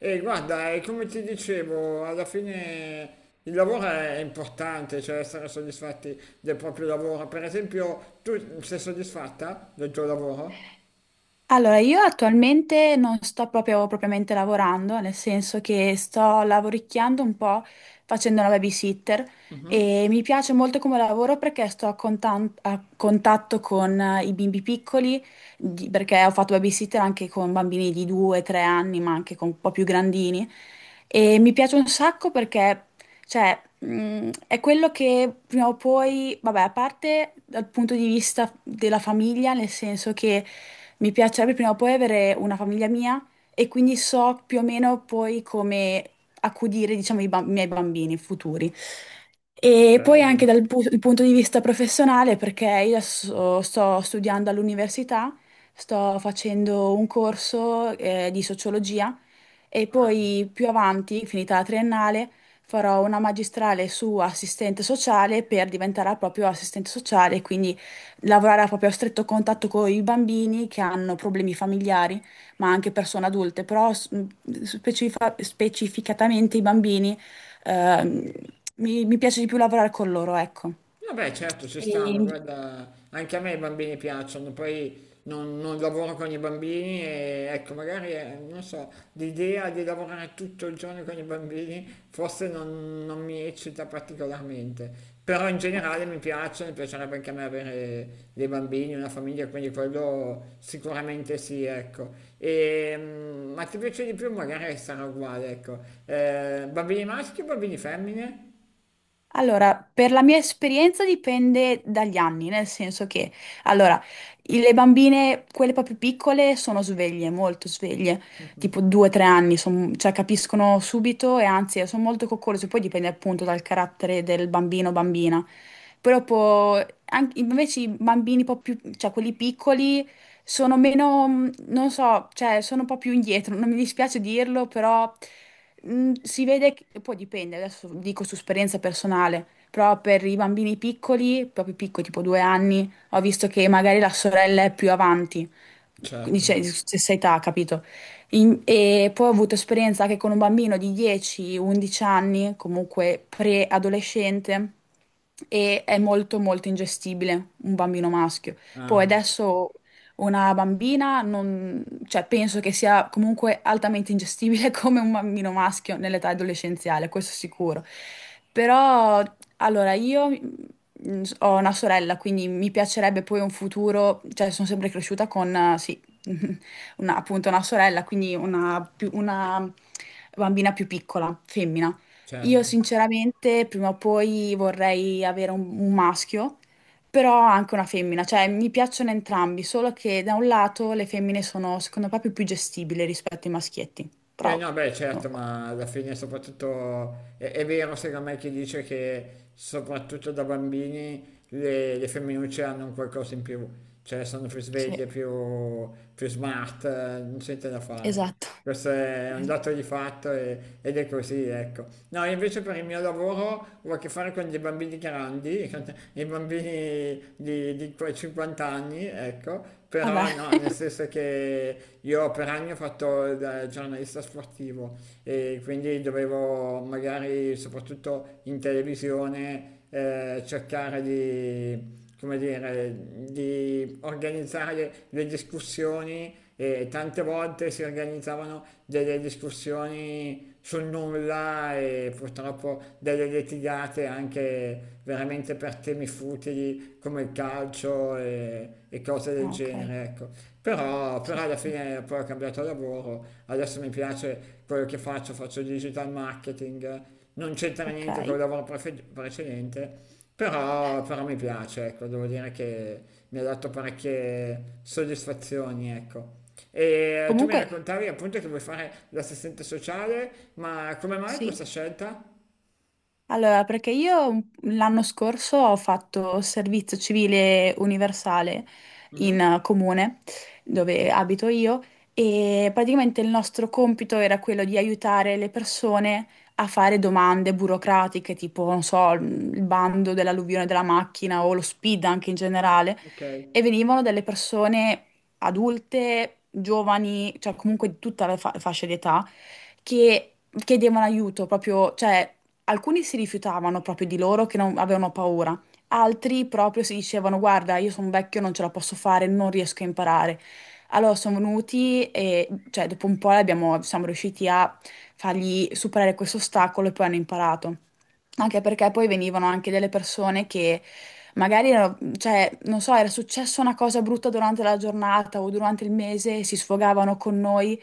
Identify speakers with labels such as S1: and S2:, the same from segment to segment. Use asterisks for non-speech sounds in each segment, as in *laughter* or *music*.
S1: E guarda, come ti dicevo, alla fine il lavoro è importante, cioè essere soddisfatti del proprio lavoro. Per esempio, tu sei soddisfatta del tuo lavoro?
S2: Allora, io attualmente non sto proprio propriamente lavorando, nel senso che sto lavoricchiando un po' facendo una babysitter. E mi piace molto come lavoro perché sto a contatto con i bimbi piccoli. Perché ho fatto babysitter anche con bambini di 2-3 anni, ma anche con un po' più grandini. E mi piace un sacco perché cioè, è quello che prima o poi, vabbè, a parte dal punto di vista della famiglia, nel senso che mi piacerebbe prima o poi avere una famiglia mia e quindi so più o meno poi come accudire, diciamo, i miei bambini futuri. E poi
S1: Bello.
S2: anche il punto di vista professionale, perché io adesso sto studiando all'università, sto facendo un corso, di sociologia. E poi più avanti, finita la triennale, farò una magistrale su assistente sociale per diventare proprio assistente sociale, quindi lavorare a proprio stretto contatto con i bambini che hanno problemi familiari, ma anche persone adulte, però specificatamente i bambini. ehm, mi piace di più lavorare con loro, ecco.
S1: Vabbè, certo, ci stanno,
S2: E-
S1: guarda, anche a me i bambini piacciono, poi non lavoro con i bambini e ecco, magari, non so, l'idea di lavorare tutto il giorno con i bambini forse non mi eccita particolarmente, però in
S2: Ok.
S1: generale mi piace, mi piacerebbe anche a me avere dei bambini, una famiglia, quindi quello sicuramente sì, ecco. E, ma ti piace di più? Magari sarà uguale, ecco. Bambini maschi o bambini femmine?
S2: Allora, per la mia esperienza dipende dagli anni, nel senso che, allora, le bambine, quelle proprio piccole, sono sveglie, molto sveglie, tipo 2-3 anni, cioè capiscono subito e anzi sono molto coccolose, poi dipende appunto dal carattere del bambino o bambina. Però po- Invece i bambini un po' più, cioè quelli piccoli, sono meno, non so, cioè sono un po' più indietro, non mi dispiace dirlo, però si vede che poi dipende, adesso dico su esperienza personale, però per i bambini piccoli, proprio piccoli, tipo 2 anni, ho visto che magari la sorella è più avanti, quindi
S1: Certo,
S2: c'è stessa età, capito? E poi ho avuto esperienza anche con un bambino di 10-11 anni, comunque pre-adolescente, e è molto molto ingestibile un bambino maschio. Poi
S1: ah,
S2: adesso una bambina, cioè, penso che sia comunque altamente ingestibile *laughs* come un bambino maschio nell'età adolescenziale, questo sicuro. Però, allora, io ho una sorella, quindi mi piacerebbe poi un futuro, cioè sono sempre cresciuta con, sì, *laughs* appunto una sorella, quindi una bambina più piccola, femmina. Io
S1: certo.
S2: sinceramente prima o poi vorrei avere un maschio, però anche una femmina, cioè mi piacciono entrambi, solo che da un lato le femmine sono secondo me più, più gestibili rispetto ai maschietti, però
S1: Eh no, beh,
S2: non lo
S1: certo,
S2: so.
S1: ma alla fine soprattutto è vero secondo me chi dice che soprattutto da bambini le femminucce hanno un qualcosa in più, cioè sono più
S2: Sì,
S1: sveglie, più, più smart, non c'è niente da fare.
S2: esatto,
S1: Questo è un
S2: esatto.
S1: dato di fatto ed è così, ecco. No, invece per il mio lavoro ho a che fare con dei bambini grandi, *laughs* con i bambini di quei 50 anni, ecco,
S2: Vabbè.
S1: però no, nel
S2: *laughs*
S1: senso che io per anni ho fatto il giornalista sportivo e quindi dovevo magari, soprattutto in televisione, cercare di come dire, di organizzare le discussioni e tante volte si organizzavano delle discussioni sul nulla e purtroppo delle litigate anche veramente per temi futili come il calcio e cose del
S2: Ah, ok,
S1: genere, ecco.
S2: sì,
S1: Però
S2: sì,
S1: alla
S2: sì.
S1: fine poi ho cambiato lavoro, adesso mi piace quello che faccio, faccio digital marketing, non c'entra
S2: Ok.
S1: niente col lavoro precedente, però mi piace, ecco, devo dire che mi ha dato parecchie soddisfazioni, ecco. E tu mi
S2: Comunque,
S1: raccontavi appunto che vuoi fare l'assistente sociale, ma come mai
S2: sì.
S1: questa scelta?
S2: Allora, perché io l'anno scorso ho fatto servizio civile universale
S1: Mhm.
S2: in comune dove abito io, e praticamente il nostro compito era quello di aiutare le persone a fare domande burocratiche, tipo, non so, il bando dell'alluvione della macchina o lo SPID anche in generale.
S1: Ok.
S2: E venivano delle persone adulte, giovani, cioè comunque di tutta la fascia di età, che chiedevano aiuto proprio. Cioè, alcuni si rifiutavano proprio, di loro che avevano paura, altri proprio si dicevano: guarda, io sono vecchio, non ce la posso fare, non riesco a imparare. Allora sono venuti e, cioè, dopo un po' siamo riusciti a fargli superare questo ostacolo e poi hanno imparato. Anche perché poi venivano anche delle persone che magari, cioè, non so, era successa una cosa brutta durante la giornata o durante il mese, si sfogavano con noi,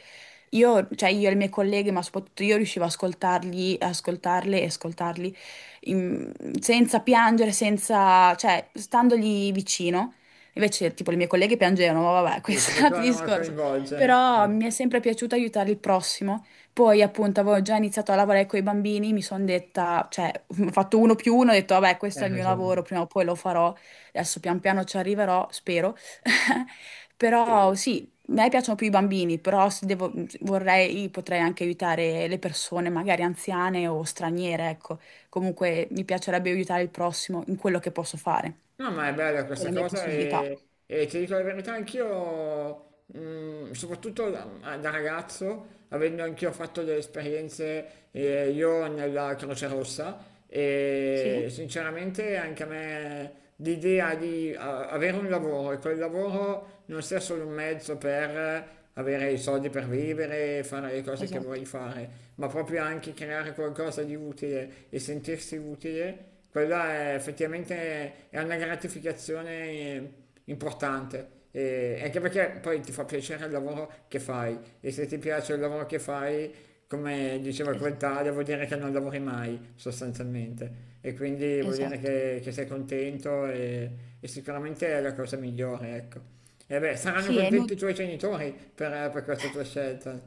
S2: io, cioè io e le mie colleghe, ma soprattutto io riuscivo a ascoltarli, ascoltarle e ascoltarli, in- senza piangere, senza, cioè, standogli vicino. Invece, tipo, le mie colleghe piangevano, ma vabbè, *laughs*
S1: Sì, si
S2: questo è un altro
S1: facevano a
S2: discorso.
S1: coinvolgere.
S2: Però mi è sempre piaciuto aiutare il prossimo. Poi, appunto, avevo già iniziato a lavorare con i bambini, mi sono detta, cioè, *laughs* ho fatto uno più uno, ho detto, vabbè, questo
S1: Hai
S2: è il mio
S1: ragione.
S2: lavoro, prima o poi lo farò. Adesso pian piano ci arriverò, spero. *laughs* Però
S1: Sì.
S2: sì, a me piacciono più i bambini, però se devo- vorrei, potrei anche aiutare le persone, magari anziane o straniere, ecco. Comunque mi piacerebbe aiutare il prossimo in quello che posso fare,
S1: No, ma è bella
S2: con
S1: questa
S2: le mie
S1: cosa
S2: possibilità.
S1: e ti dico la verità, anch'io mm, soprattutto da ragazzo, avendo anch'io fatto delle esperienze io nella Croce Rossa e
S2: Sì,
S1: sinceramente anche a me l'idea di avere un lavoro e quel lavoro non sia solo un mezzo per avere i soldi per vivere, fare le cose che
S2: esatto,
S1: vuoi fare, ma proprio anche creare qualcosa di utile e sentirsi utile, quella è effettivamente è una gratificazione importante e anche perché poi ti fa piacere il lavoro che fai e se ti piace il lavoro che fai, come diceva quel
S2: esatto,
S1: tale, vuol dire che non lavori mai sostanzialmente e quindi vuol dire
S2: esatto.
S1: che sei contento e sicuramente è la cosa migliore, ecco. E beh, saranno
S2: Sì, è
S1: contenti
S2: inutile.
S1: i tuoi genitori per questa tua scelta.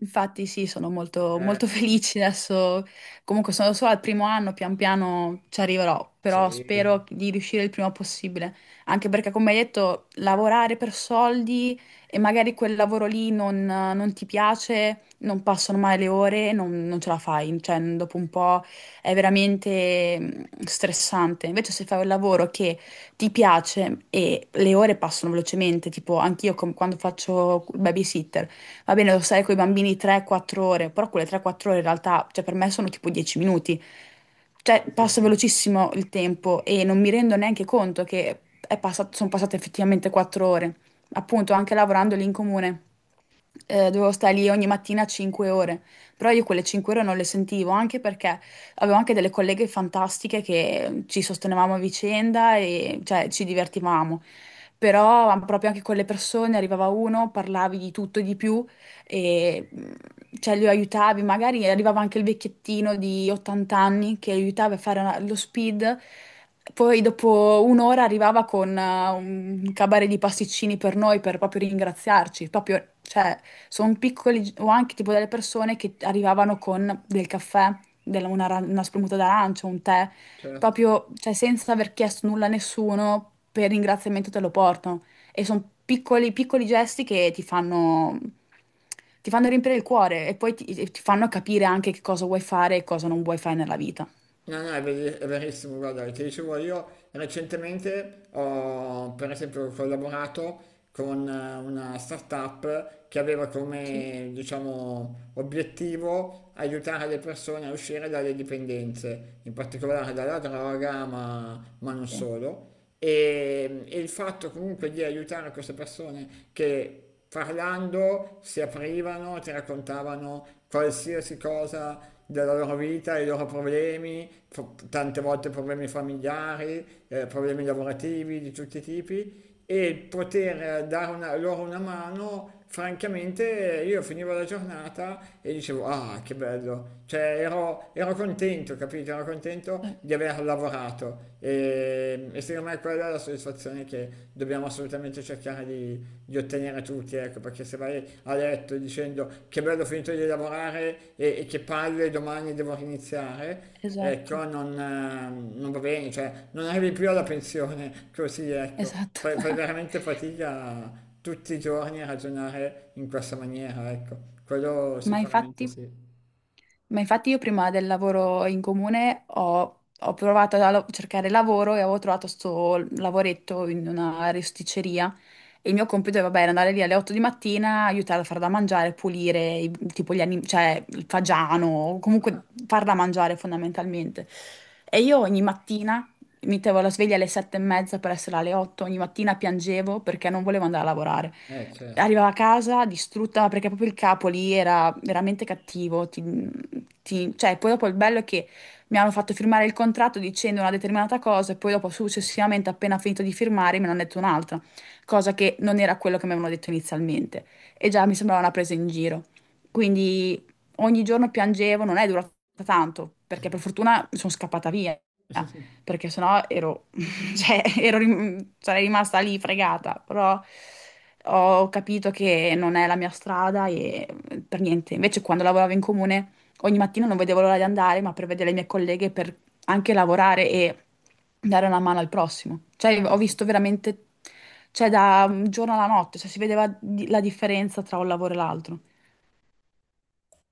S2: Infatti sì, sono molto,
S1: Eh,
S2: molto *laughs* felice adesso, comunque sono solo al primo anno, pian piano ci arriverò, però
S1: sì,
S2: spero di riuscire il prima possibile, anche perché come hai detto, lavorare per soldi e magari quel lavoro lì non ti piace, non passano mai le ore, non ce la fai, cioè dopo un po' è veramente stressante. Invece se fai un lavoro che ti piace e le ore passano velocemente, tipo anch'io quando faccio il babysitter, va bene, devo stare con i bambini 3-4 ore, però quelle 3-4 ore in realtà, cioè per me sono tipo 10 minuti. Cioè,
S1: sì, sì,
S2: passa
S1: sì,
S2: velocissimo il tempo e non mi rendo neanche conto che sono passate effettivamente 4 ore. Appunto, anche lavorando lì in comune, dovevo stare lì ogni mattina 5 ore, però io quelle 5 ore non le sentivo, anche perché avevo anche delle colleghe fantastiche che ci sostenevamo a vicenda, e cioè, ci divertivamo. Però proprio anche con le persone, arrivava uno, parlavi di tutto e di più, e cioè, lo aiutavi. Magari arrivava anche il vecchiettino di 80 anni che aiutava a fare lo speed, poi dopo un'ora arrivava con un cabaret di pasticcini per noi, per proprio ringraziarci. Proprio, cioè, sono piccoli, o anche tipo delle persone che arrivavano con del caffè, una spremuta d'arancia, un tè,
S1: certo.
S2: proprio, cioè, senza aver chiesto nulla a nessuno, per ringraziamento te lo portano. E sono piccoli, piccoli gesti che ti fanno riempire il cuore, e poi ti fanno capire anche che cosa vuoi fare e cosa non vuoi fare nella vita.
S1: No, no, è è verissimo, guarda, ti dicevo io recentemente ho per esempio collaborato con una startup che aveva
S2: Sì,
S1: come, diciamo, obiettivo aiutare le persone a uscire dalle dipendenze, in particolare dalla droga, ma non
S2: sì,
S1: solo. E il fatto comunque di aiutare queste persone che parlando si aprivano, ti raccontavano qualsiasi cosa della loro vita, i loro problemi, tante volte problemi familiari, problemi lavorativi di tutti i tipi e poter dare una- loro una mano francamente io finivo la giornata e dicevo, ah, che bello, cioè ero, ero contento, capito? Ero contento di aver lavorato e secondo me quella è la soddisfazione che dobbiamo assolutamente cercare di ottenere tutti, ecco, perché se vai a letto dicendo che bello ho finito di lavorare e che palle domani devo riniziare,
S2: esatto,
S1: ecco, non, non va bene, cioè non arrivi più alla pensione così, ecco,
S2: esatto. *laughs*
S1: fai veramente fatica tutti i giorni ragionare in questa maniera, ecco, quello
S2: Ma
S1: sicuramente
S2: infatti.
S1: sì.
S2: Ma infatti, io prima del lavoro in comune ho provato a cercare lavoro, e avevo trovato sto lavoretto in una rosticceria, e il mio compito, vabbè, era andare lì alle 8 di mattina, aiutare a far da mangiare, pulire tipo gli animali, cioè il fagiano, comunque far da mangiare fondamentalmente. E io ogni mattina mettevo la sveglia alle 7:30 per essere alle 8, ogni mattina piangevo perché non volevo andare a lavorare,
S1: Eh certo.
S2: arrivava a casa distrutta perché proprio il capo lì era veramente cattivo. Cioè, poi dopo il bello è che mi hanno fatto firmare il contratto dicendo una determinata cosa, e poi dopo successivamente, appena finito di firmare, me ne hanno detto un'altra, cosa che non era quello che mi avevano detto inizialmente. E già mi sembrava una presa in giro. Quindi ogni giorno piangevo, non è durata tanto, perché per fortuna sono scappata via,
S1: *laughs*
S2: perché sennò ero, *laughs* cioè, sarei rimasta lì fregata. Però ho capito che non è la mia strada, e per niente. Invece quando lavoravo in comune, ogni mattina non vedevo l'ora di andare, ma per vedere le mie colleghe, per anche lavorare e dare una mano al prossimo. Cioè, ho visto veramente, cioè, da un giorno alla notte, cioè, si vedeva la differenza tra un lavoro e l'altro.